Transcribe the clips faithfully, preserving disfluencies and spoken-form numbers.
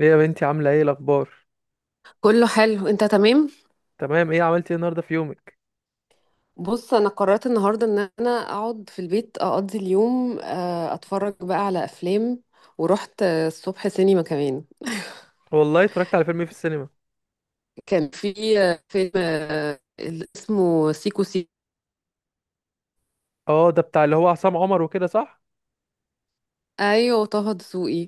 ايه يا بنتي عاملة ايه الأخبار؟ كله حلو، انت تمام. تمام، ايه عملتي ايه النهاردة في يومك؟ بص، انا قررت النهارده ان انا اقعد في البيت اقضي اليوم، آه، اتفرج بقى على افلام. ورحت آه، الصبح سينما كمان. والله اتفرجت على فيلم ايه في السينما؟ كان في آه، فيلم آه، اللي اسمه سيكو سيكو. اه، ده بتاع اللي هو عصام عمر وكده صح؟ ايوه، طه دسوقي.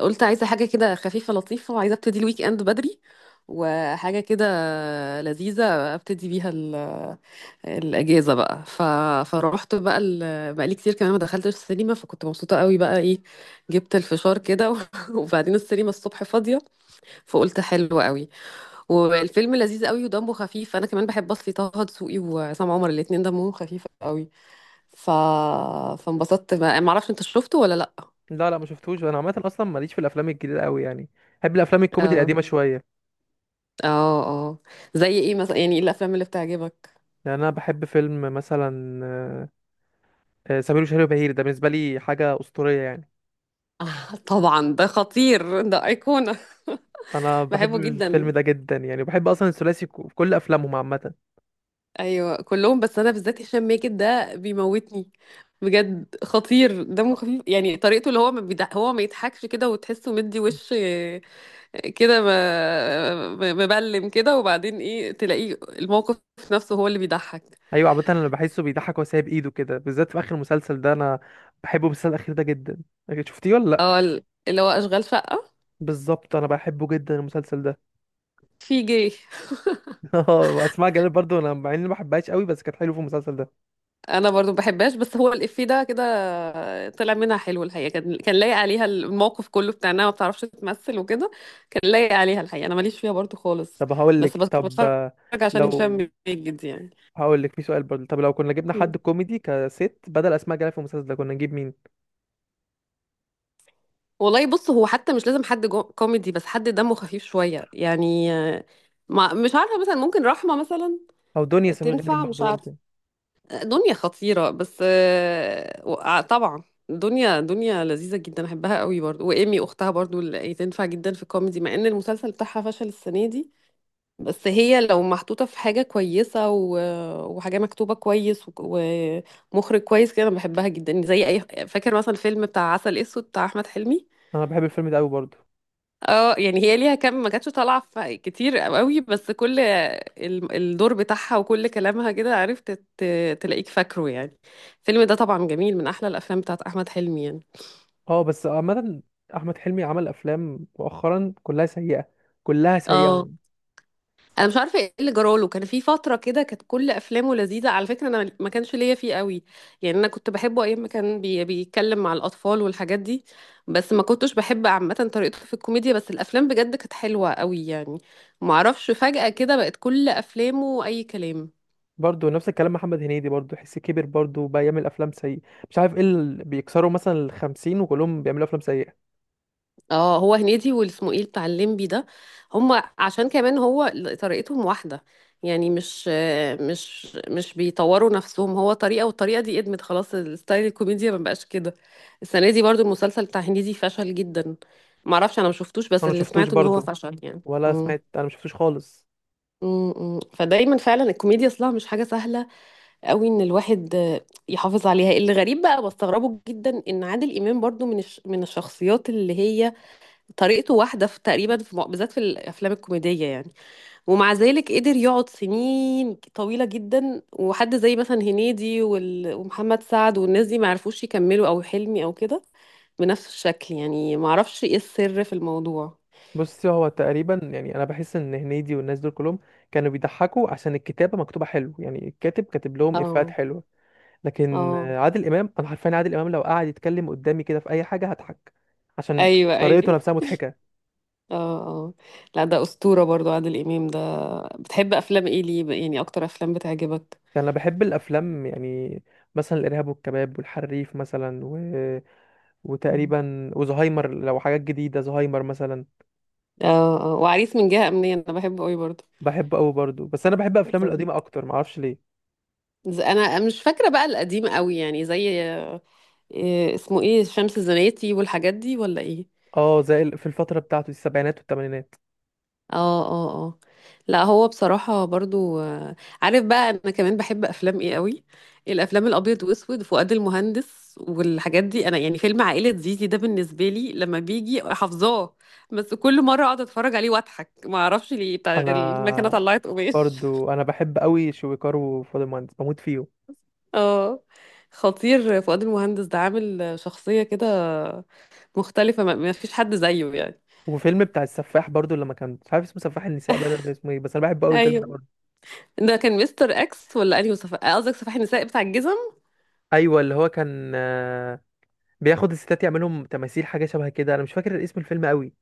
قلت عايزه حاجه كده خفيفه لطيفه، وعايزه ابتدي الويك اند بدري، وحاجه كده لذيذه ابتدي بيها الاجازه بقى ف... فروحت بقى ال... بقى لي كتير كمان ما دخلتش السينما، فكنت مبسوطه قوي بقى، ايه جبت الفشار كده و... وبعدين السينما الصبح فاضيه. فقلت حلو قوي. والفيلم لذيذ قوي ودمه خفيف. انا كمان بحب اصلي طه دسوقي وعصام عمر، الاتنين دمهم خفيف قوي. ف... فانبسطت بقى. ما اعرفش انت شفته ولا لا. لا لا ما شفتوش. انا عامة اصلا ماليش في الافلام الجديدة قوي يعني، بحب الافلام الكوميدي اه، القديمة شوية. اه، اه. زي ايه مثلا؟ يعني ايه الافلام اللي بتعجبك؟ يعني انا بحب فيلم مثلا آه، آه، سمير وشهير وبهير، ده بالنسبة لي حاجة أسطورية يعني. آه، طبعا ده خطير، ده ايقونه. انا بحب بحبه جدا. الفيلم ده جدا، يعني بحب اصلا الثلاثي كو- في كل افلامهم عامة. ايوه، كلهم. بس انا بالذات هشام ماجد ده بيموتني. بجد خطير، دمه خفيف يعني. طريقته اللي هو ما بيضح هو ما يضحكش كده، وتحسه مدي وش آه، كده ما- ما- مبلم كده، وبعدين ايه تلاقيه الموقف نفسه هو اللي بيضحك. ايوه عامة انا بحسه بيضحك وهو سايب ايده كده، بالذات في اخر مسلسل ده. انا بحب المسلسل الاخير ده جدا، شفتيه ولا؟ اه، ال- اللي هو اشغال شقة. بالظبط، انا بحبه جدا المسلسل ده. في جه. اه اسماء جلال برضو، انا مع اني ما بحبهاش قوي بس كانت حلوه في المسلسل ده. انا برضو ما بحبهاش، بس هو الافيه ده كده طلع منها حلو الحقيقه، كان كان لايق عليها الموقف كله بتاع انها ما بتعرفش تمثل وكده. كان لايق عليها الحقيقه، انا ماليش فيها برضو خالص. طب هقول بس لك، بس طب بتفرج، آه، عشان لو هشام ماجد يعني. هقول لك في سؤال برضو، طب لو كنا جبنا مم. حد كوميدي كست بدل اسماء جلال في المسلسل ده كنا نجيب مين؟ والله بص، هو حتى مش لازم حد جو- كوميدي، بس حد دمه خفيف شويه يعني، آه، ما مش عارفه، مثلا ممكن رحمه مثلا. او دنيا سمير غانم تنفع، مش برضو عارفه. ممكن. دنيا خطيرة، بس آه، وقع- طبعا. دنيا دنيا لذيذة جدا، احبها قوي برضو. وإيمي اختها برضو اللي يعني تنفع جدا في الكوميدي، مع ان المسلسل بتاعها فشل السنة دي. بس هي لو محطوطة في حاجة كويسة و... وحاجة مكتوبة كويس و- ومخرج كويس كده، انا بحبها جدا زي اي. فاكر مثلا فيلم بتاع عسل اسود بتاع احمد حلمي. انا بحب الفيلم ده قوي برضو. اه، يعني هي ليها كام، ما كانتش طالعه ف- كتير قوي، بس كل ال- الدور بتاعها وكل كلامها كده عرفت ت- تلاقيك فاكره يعني. الفيلم ده طبعا جميل، من احلى الافلام بتاعت احمد حلمي يعني. اه بس عامه احمد حلمي عمل افلام مؤخرا كلها سيئه، كلها سيئه. اه، انا مش عارفه ايه اللي جراله. كان في فتره كده كانت كل افلامه لذيذه. على فكره انا ما كانش ليا فيه قوي. يعني انا كنت بحبه ايام ما كان بي بيتكلم مع الاطفال والحاجات دي. بس ما كنتش بحب عامه طريقته في الكوميديا، بس الافلام بجد كانت حلوه قوي يعني. ما اعرفش، فجاه كده بقت كل افلامه اي كلام. برضو نفس الكلام محمد هنيدي، برضو حس كبر برضو بقى يعمل افلام سيئه. مش عارف ايه اللي بيكسروا مثلا الخمسين وكلهم بيعملوا افلام سيئه. اه، هو هنيدي واسمه ايه بتاع الليمبي ده. هما عشان كمان هو طريقتهم واحدة يعني، مش مش مش بيطوروا نفسهم. هو طريقة، والطريقة دي ادمت خلاص، الستايل الكوميديا ما بقاش كده. السنة دي برضو المسلسل بتاع هنيدي فشل جدا. معرفش، انا ما شفتوش، بس انا اللي مشفتوش سمعته ان هو برضو، فشل يعني. ولا امم سمعت، انا مشفتوش خالص. امم فدايما فعلا الكوميديا اصلها مش حاجة سهلة قوي، ان الواحد آه، يحافظ عليها. اللي غريب بقى بستغربه جدا ان عادل امام برضو من الش- من الشخصيات اللي هي طريقته واحدة في تقريبا في م- بالذات في الأفلام الكوميدية يعني. ومع ذلك قدر يقعد سنين طويلة جدا، وحد زي مثلا هنيدي وال- ومحمد سعد والناس دي ما عرفوش يكملوا، أو حلمي أو كده، بنفس الشكل يعني. ما أعرفش إيه السر في الموضوع. بصي هو تقريبا، يعني انا بحس ان هنيدي والناس دول كلهم كانوا بيضحكوا عشان الكتابه مكتوبه حلو، يعني الكاتب كاتب لهم افيهات اه، حلوه. لكن اه، آه، عادل امام، انا حرفيا عادل امام لو قعد يتكلم قدامي كده في اي حاجه هضحك، عشان أيوه، طريقته أيوه، نفسها مضحكه. اه، اه. لا، ده أسطورة برضو، عادل إمام ده. بتحب أفلام إيه؟ ليه يعني؟ أكتر أفلام بتعجبك؟ يعني انا بحب الافلام يعني مثلا الارهاب والكباب والحريف مثلا و... مم. وتقريبا وزهايمر، لو حاجات جديده زهايمر مثلا. اه، اه، وعريس من جهة أمنية أنا بحبه أوي. بحبه قوي برضو، بس انا بحب افلام برضو القديمه اكتر، معرفش ليه. ز- انا مش فاكره بقى القديم قوي يعني، زي إيه اسمه، ايه شمس الزناتي والحاجات دي ولا ايه؟ اه زي ال- في الفترة بتاعته دي السبعينات والثمانينات. اه، اه، اه. لا، هو بصراحه برضو آه، عارف بقى، انا كمان بحب افلام ايه قوي. الافلام الابيض واسود، فؤاد المهندس والحاجات دي. انا يعني فيلم عائله زيزي ده بالنسبه لي، لما بيجي حافظاه. بس كل مره اقعد اتفرج عليه واضحك، ما اعرفش ليه، بتاع المكنه انا طلعت قماش. برضو انا بحب قوي شويكار وفاضل مهندس، بموت فيه. اه، خطير فؤاد المهندس ده، عامل شخصيه كده مختلفة، ما ما فيش حد زيه يعني. وفيلم بتاع السفاح برضو، لما كان مش عارف اسمه سفاح النساء بقى ولا اسمه ايه، بس انا بحب قوي الفيلم ده ايوه، برضو. ده كان مستر اكس ولا انهي؟ صفحة قصدك؟ صفاح النساء بتاع الجزم؟ ايوه اللي هو كان آه، بياخد الستات يعملهم تماثيل، حاجه شبه كده، انا مش فاكر اسم الفيلم قوي.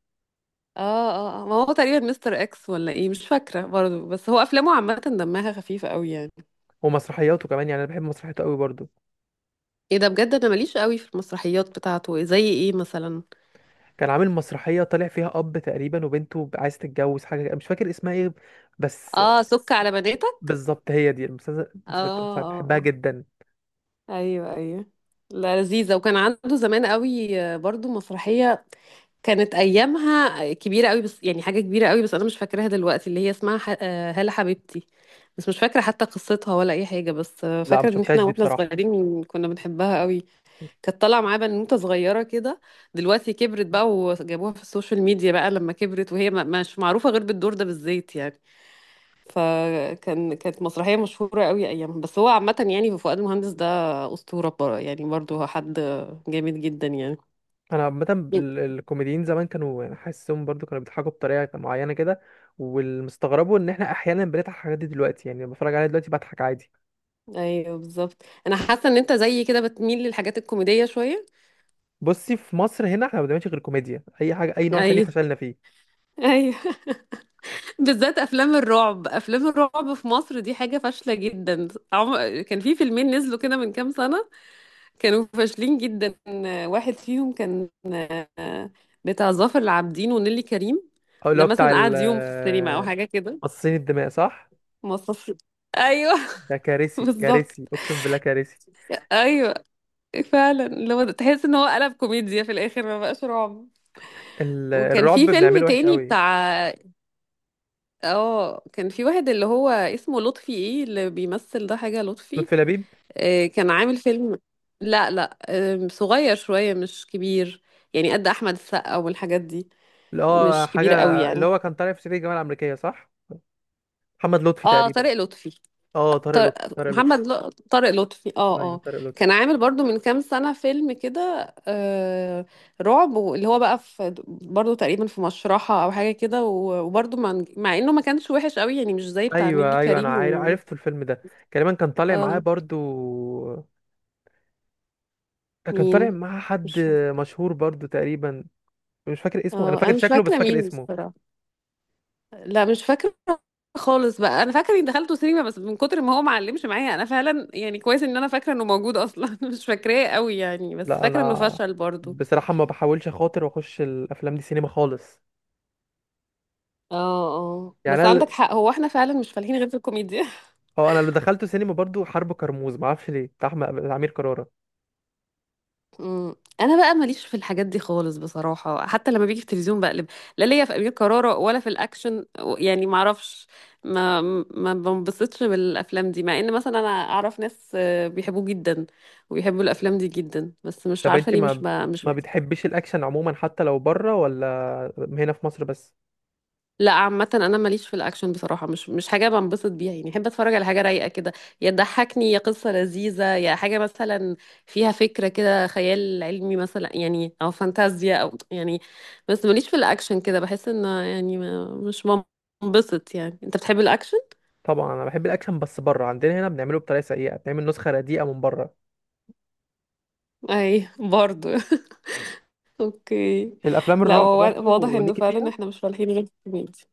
اه، اه، آه. ما هو تقريبا مستر اكس ولا ايه، مش فاكرة برضه. بس هو افلامه عامة دمها خفيفة قوي يعني. ومسرحياته كمان، يعني انا بحب مسرحياته قوي برضو. ايه ده؟ بجد انا ماليش قوي في المسرحيات بتاعته. زي ايه مثلا؟ كان عامل مسرحيه طالع فيها اب تقريبا وبنته عايز تتجوز، حاجه كده، مش فاكر اسمها ايه بس. اه، سك على بناتك. بالظبط هي دي المسلسل اه، المسلسل- بحبها اه، جدا. ايوه، ايوه. لا، لذيذه. وكان عنده زمان قوي آه، برضو مسرحيه كانت ايامها كبيره قوي، بس يعني حاجه كبيره قوي، بس انا مش فاكراها دلوقتي، اللي هي اسمها ح... آه، هلا حبيبتي. بس مش فاكره حتى قصتها ولا اي حاجه، بس آه، لا ما فاكره ان شفتهاش احنا دي واحنا بصراحه. صغيرين كنا بنحبها قوي. كانت طالعه معاه بنوته صغيره كده. دلوقتي كبرت بقى وجابوها في السوشيال ميديا بقى لما كبرت، وهي ما- مش معروفه غير بالدور ده، بالزيت يعني. فكان كانت مسرحية مشهورة قوي أيامها. بس هو عامة يعني فؤاد المهندس ده أسطورة بر- يعني برضو، هو حد جامد جدا يعني. انا عامه ال- الكوميديين زمان كانوا يعني، حاسسهم برضو كانوا بيضحكوا بطريقه معينه كده. والمستغربه ان احنا احيانا بنضحك على الحاجات دي دلوقتي، يعني لما بتفرج عليها دلوقتي بضحك عادي. أيوه، بالظبط. أنا حاسة إن أنت زيي كده بتميل للحاجات الكوميدية شوية. بصي في مصر هنا احنا ما بنعملش غير كوميديا، اي حاجه اي نوع تاني أيوه، فشلنا فيه. أيوه. بالذات أفلام الرعب أفلام الرعب في مصر دي حاجة فاشلة جدا. عم... كان في فيلمين نزلوا كده من كام سنة. كانوا فاشلين جدا. واحد فيهم كان آه، بتاع ظافر العابدين ونيلي كريم. او اللي ده هو بتاع مثلا قعد يوم في السينما أو ال- حاجة كده. مصاصين الدماء، صح؟ مصاص. ايوه. ده كارثي، بالظبط. كارثي اقسم بالله كارثي. ايوه، فعلا، اللي هو تحس ان هو قلب كوميديا في الاخر، ما بقاش رعب. ال- وكان الرعب في فيلم بنعمله وحش تاني قوي. بتاع اه، كان في واحد اللي هو اسمه لطفي، ايه اللي بيمثل ده حاجة لطفي. لطفي لبيب، آه، كان عامل فيلم. لا، لا. آه، صغير شوية مش كبير. يعني قد احمد السقا والحاجات دي. اللي هو مش حاجة، كبير قوي اللي يعني. هو كان طالع في صعيدي في الجامعة الأمريكية صح؟ محمد لطفي اه، تقريبا. طارق لطفي. اه طارق طارق لطفي، طارق لطفي محمد ل- طارق لطفي. اه، ايوه اه. طارق كان لطفي. عامل برضو من كام سنة فيلم كده، آه رعب، اللي هو بقى في برضو تقريبا في مشرحة او حاجة كده و- وبرضو مع, مع انه ما كانش وحش قوي يعني، مش زي بتاع نيلي ايوه ايوه، انا كريم عارف و... عرفت الفيلم ده، تقريبا كان طالع معاه اه، برضو. آه، كان طالع مين؟ معاه حد مش فاكرة. مشهور برضو تقريبا، مش فاكر اسمه، انا اه، انا فاكر مش شكله بس مش فاكرة فاكر مين اسمه. بصراحة. لا، مش فاكرة خالص بقى. انا فاكرة اني دخلته سينما بس من كتر ما هو ما علمش معايا انا فعلا، يعني كويس ان انا فاكرة انه موجود اصلا. مش فاكراه قوي يعني، بس لا فاكرة انه انا فشل برضو. بصراحة ما بحاولش اخاطر واخش الافلام دي سينما خالص. اه، اه، يعني بس انا عندك ال- حق. هو احنا فعلا مش فالحين غير في الكوميديا. اه انا اللي دخلته سينما برضو حرب كرموز، ما اعرفش ليه، بتاع أحمد- بتاع امير كرارة. أمم. انا بقى ماليش في الحاجات دي خالص بصراحه، حتى لما بيجي في التلفزيون بقلب. لا ليا في امير كرارة ولا في الاكشن و- يعني معرفش. ما ما بنبسطش بالافلام دي، مع ان مثلا انا اعرف ناس آه، بيحبوه جدا. وبيحبوا الافلام دي جدا، بس مش طب عارفه انت ليه، مش ما ب... مش. ما بتحبيش الاكشن عموما حتى لو بره، ولا هنا في مصر بس؟ لا، عامة أنا ماليش في الأكشن بصراحة، مش مش حاجة بنبسط بيها يعني. أحب أتفرج على حاجة رايقة كده، يا تضحكني يا قصة لذيذة يا حاجة مثلا فيها فكرة كده، خيال علمي مثلا يعني، أو فانتازيا أو يعني. بس ماليش في الأكشن كده، بحس إن يعني ما- مش بنبسط يعني. أنت بتحب الأكشن؟ طبعا انا بحب الاكشن، بس بره. عندنا هنا بنعمله بطريقه سيئه، بنعمل نسخه رديئه من بره. أي، برضو. أوكي. الافلام لا، الرعب هو وا- واضح برضو إنه ليكي فعلا فيها؟ إحنا مش فالحين غير في الكوميديا.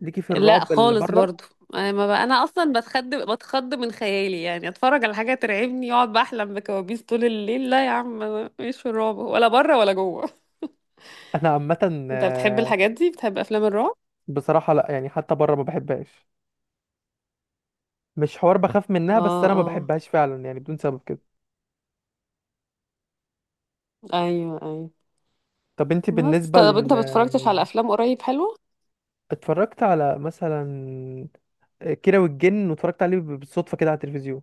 ليكي في لا، الرعب اللي خالص بره؟ برضو. انا ما بقى انا اصلا بتخض بتخض من خيالي، يعني اتفرج على حاجه ترعبني يقعد بحلم بكوابيس طول الليل. لا يا عم، أنا مش في الرعب ولا بره ولا جوه. انا عامه انت بتحب آه، الحاجات دي؟ بتحب افلام الرعب؟ بصراحه لا، يعني حتى بره ما بحبهاش، مش حوار بخاف منها، بس اه، انا ما اه، بحبهاش فعلا يعني بدون سبب كده. ايوه، ايوه. طب انت بس بالنسبه ل، طب انت ما اتفرجتش على افلام قريب حلوه؟ اتفرجت على مثلا آه، كيرة والجن، واتفرجت عليه بالصدفه كده على التلفزيون،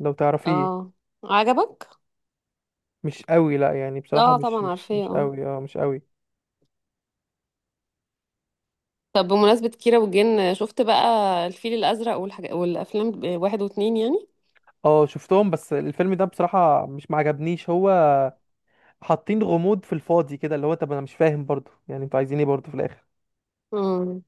لو تعرفيه. اه، عجبك؟ مش قوي، لا يعني بصراحة اه، مش طبعا مش عارفاه. مش اه. قوي، اه مش قوي. طب بمناسبه كيرة والجن، شفت بقى الفيل الازرق والحاجات، والافلام واحد واتنين؟ اه شفتهم، بس الفيلم ده بصراحة مش معجبنيش، هو حاطين غموض في الفاضي كده، اللي هو طب انا مش فاهم برضو، يعني انتوا عايزين ايه برضو في الاخر؟ يعني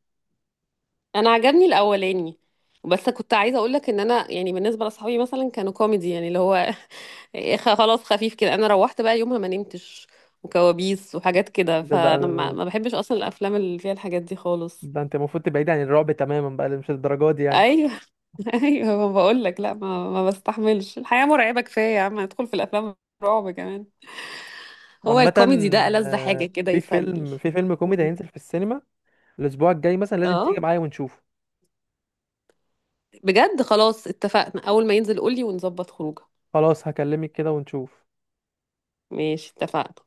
انا عجبني الاولاني. بس كنت عايزه اقول لك ان انا يعني بالنسبه لاصحابي مثلا كانوا كوميدي يعني، اللي هو خ- خلاص خفيف كده، انا روحت بقى يومها ما نمتش، وكوابيس وحاجات كده. ده ده فانا ما ده, ما بحبش اصلا الافلام اللي فيها الحاجات دي خالص. ده انت المفروض تبعد عن الرعب تماما بقى، اللي مش الدرجات دي يعني. ايوه. ايوه، ما بقول لك لا، ما ما بستحملش. الحياه مرعبه كفايه يا عم، ندخل في الافلام رعب كمان؟ هو عامة الكوميدي ده ألذ آه، حاجه كده، في يسلي. فيلم، في فيلم كوميدي مم. هينزل في السينما الاسبوع الجاي مثلا، لازم اه، تيجي معايا ونشوفه. بجد، خلاص اتفقنا. اول ما ينزل قولي ونظبط خروجه. خلاص هكلمك كده ونشوف. ماشي، اتفقنا.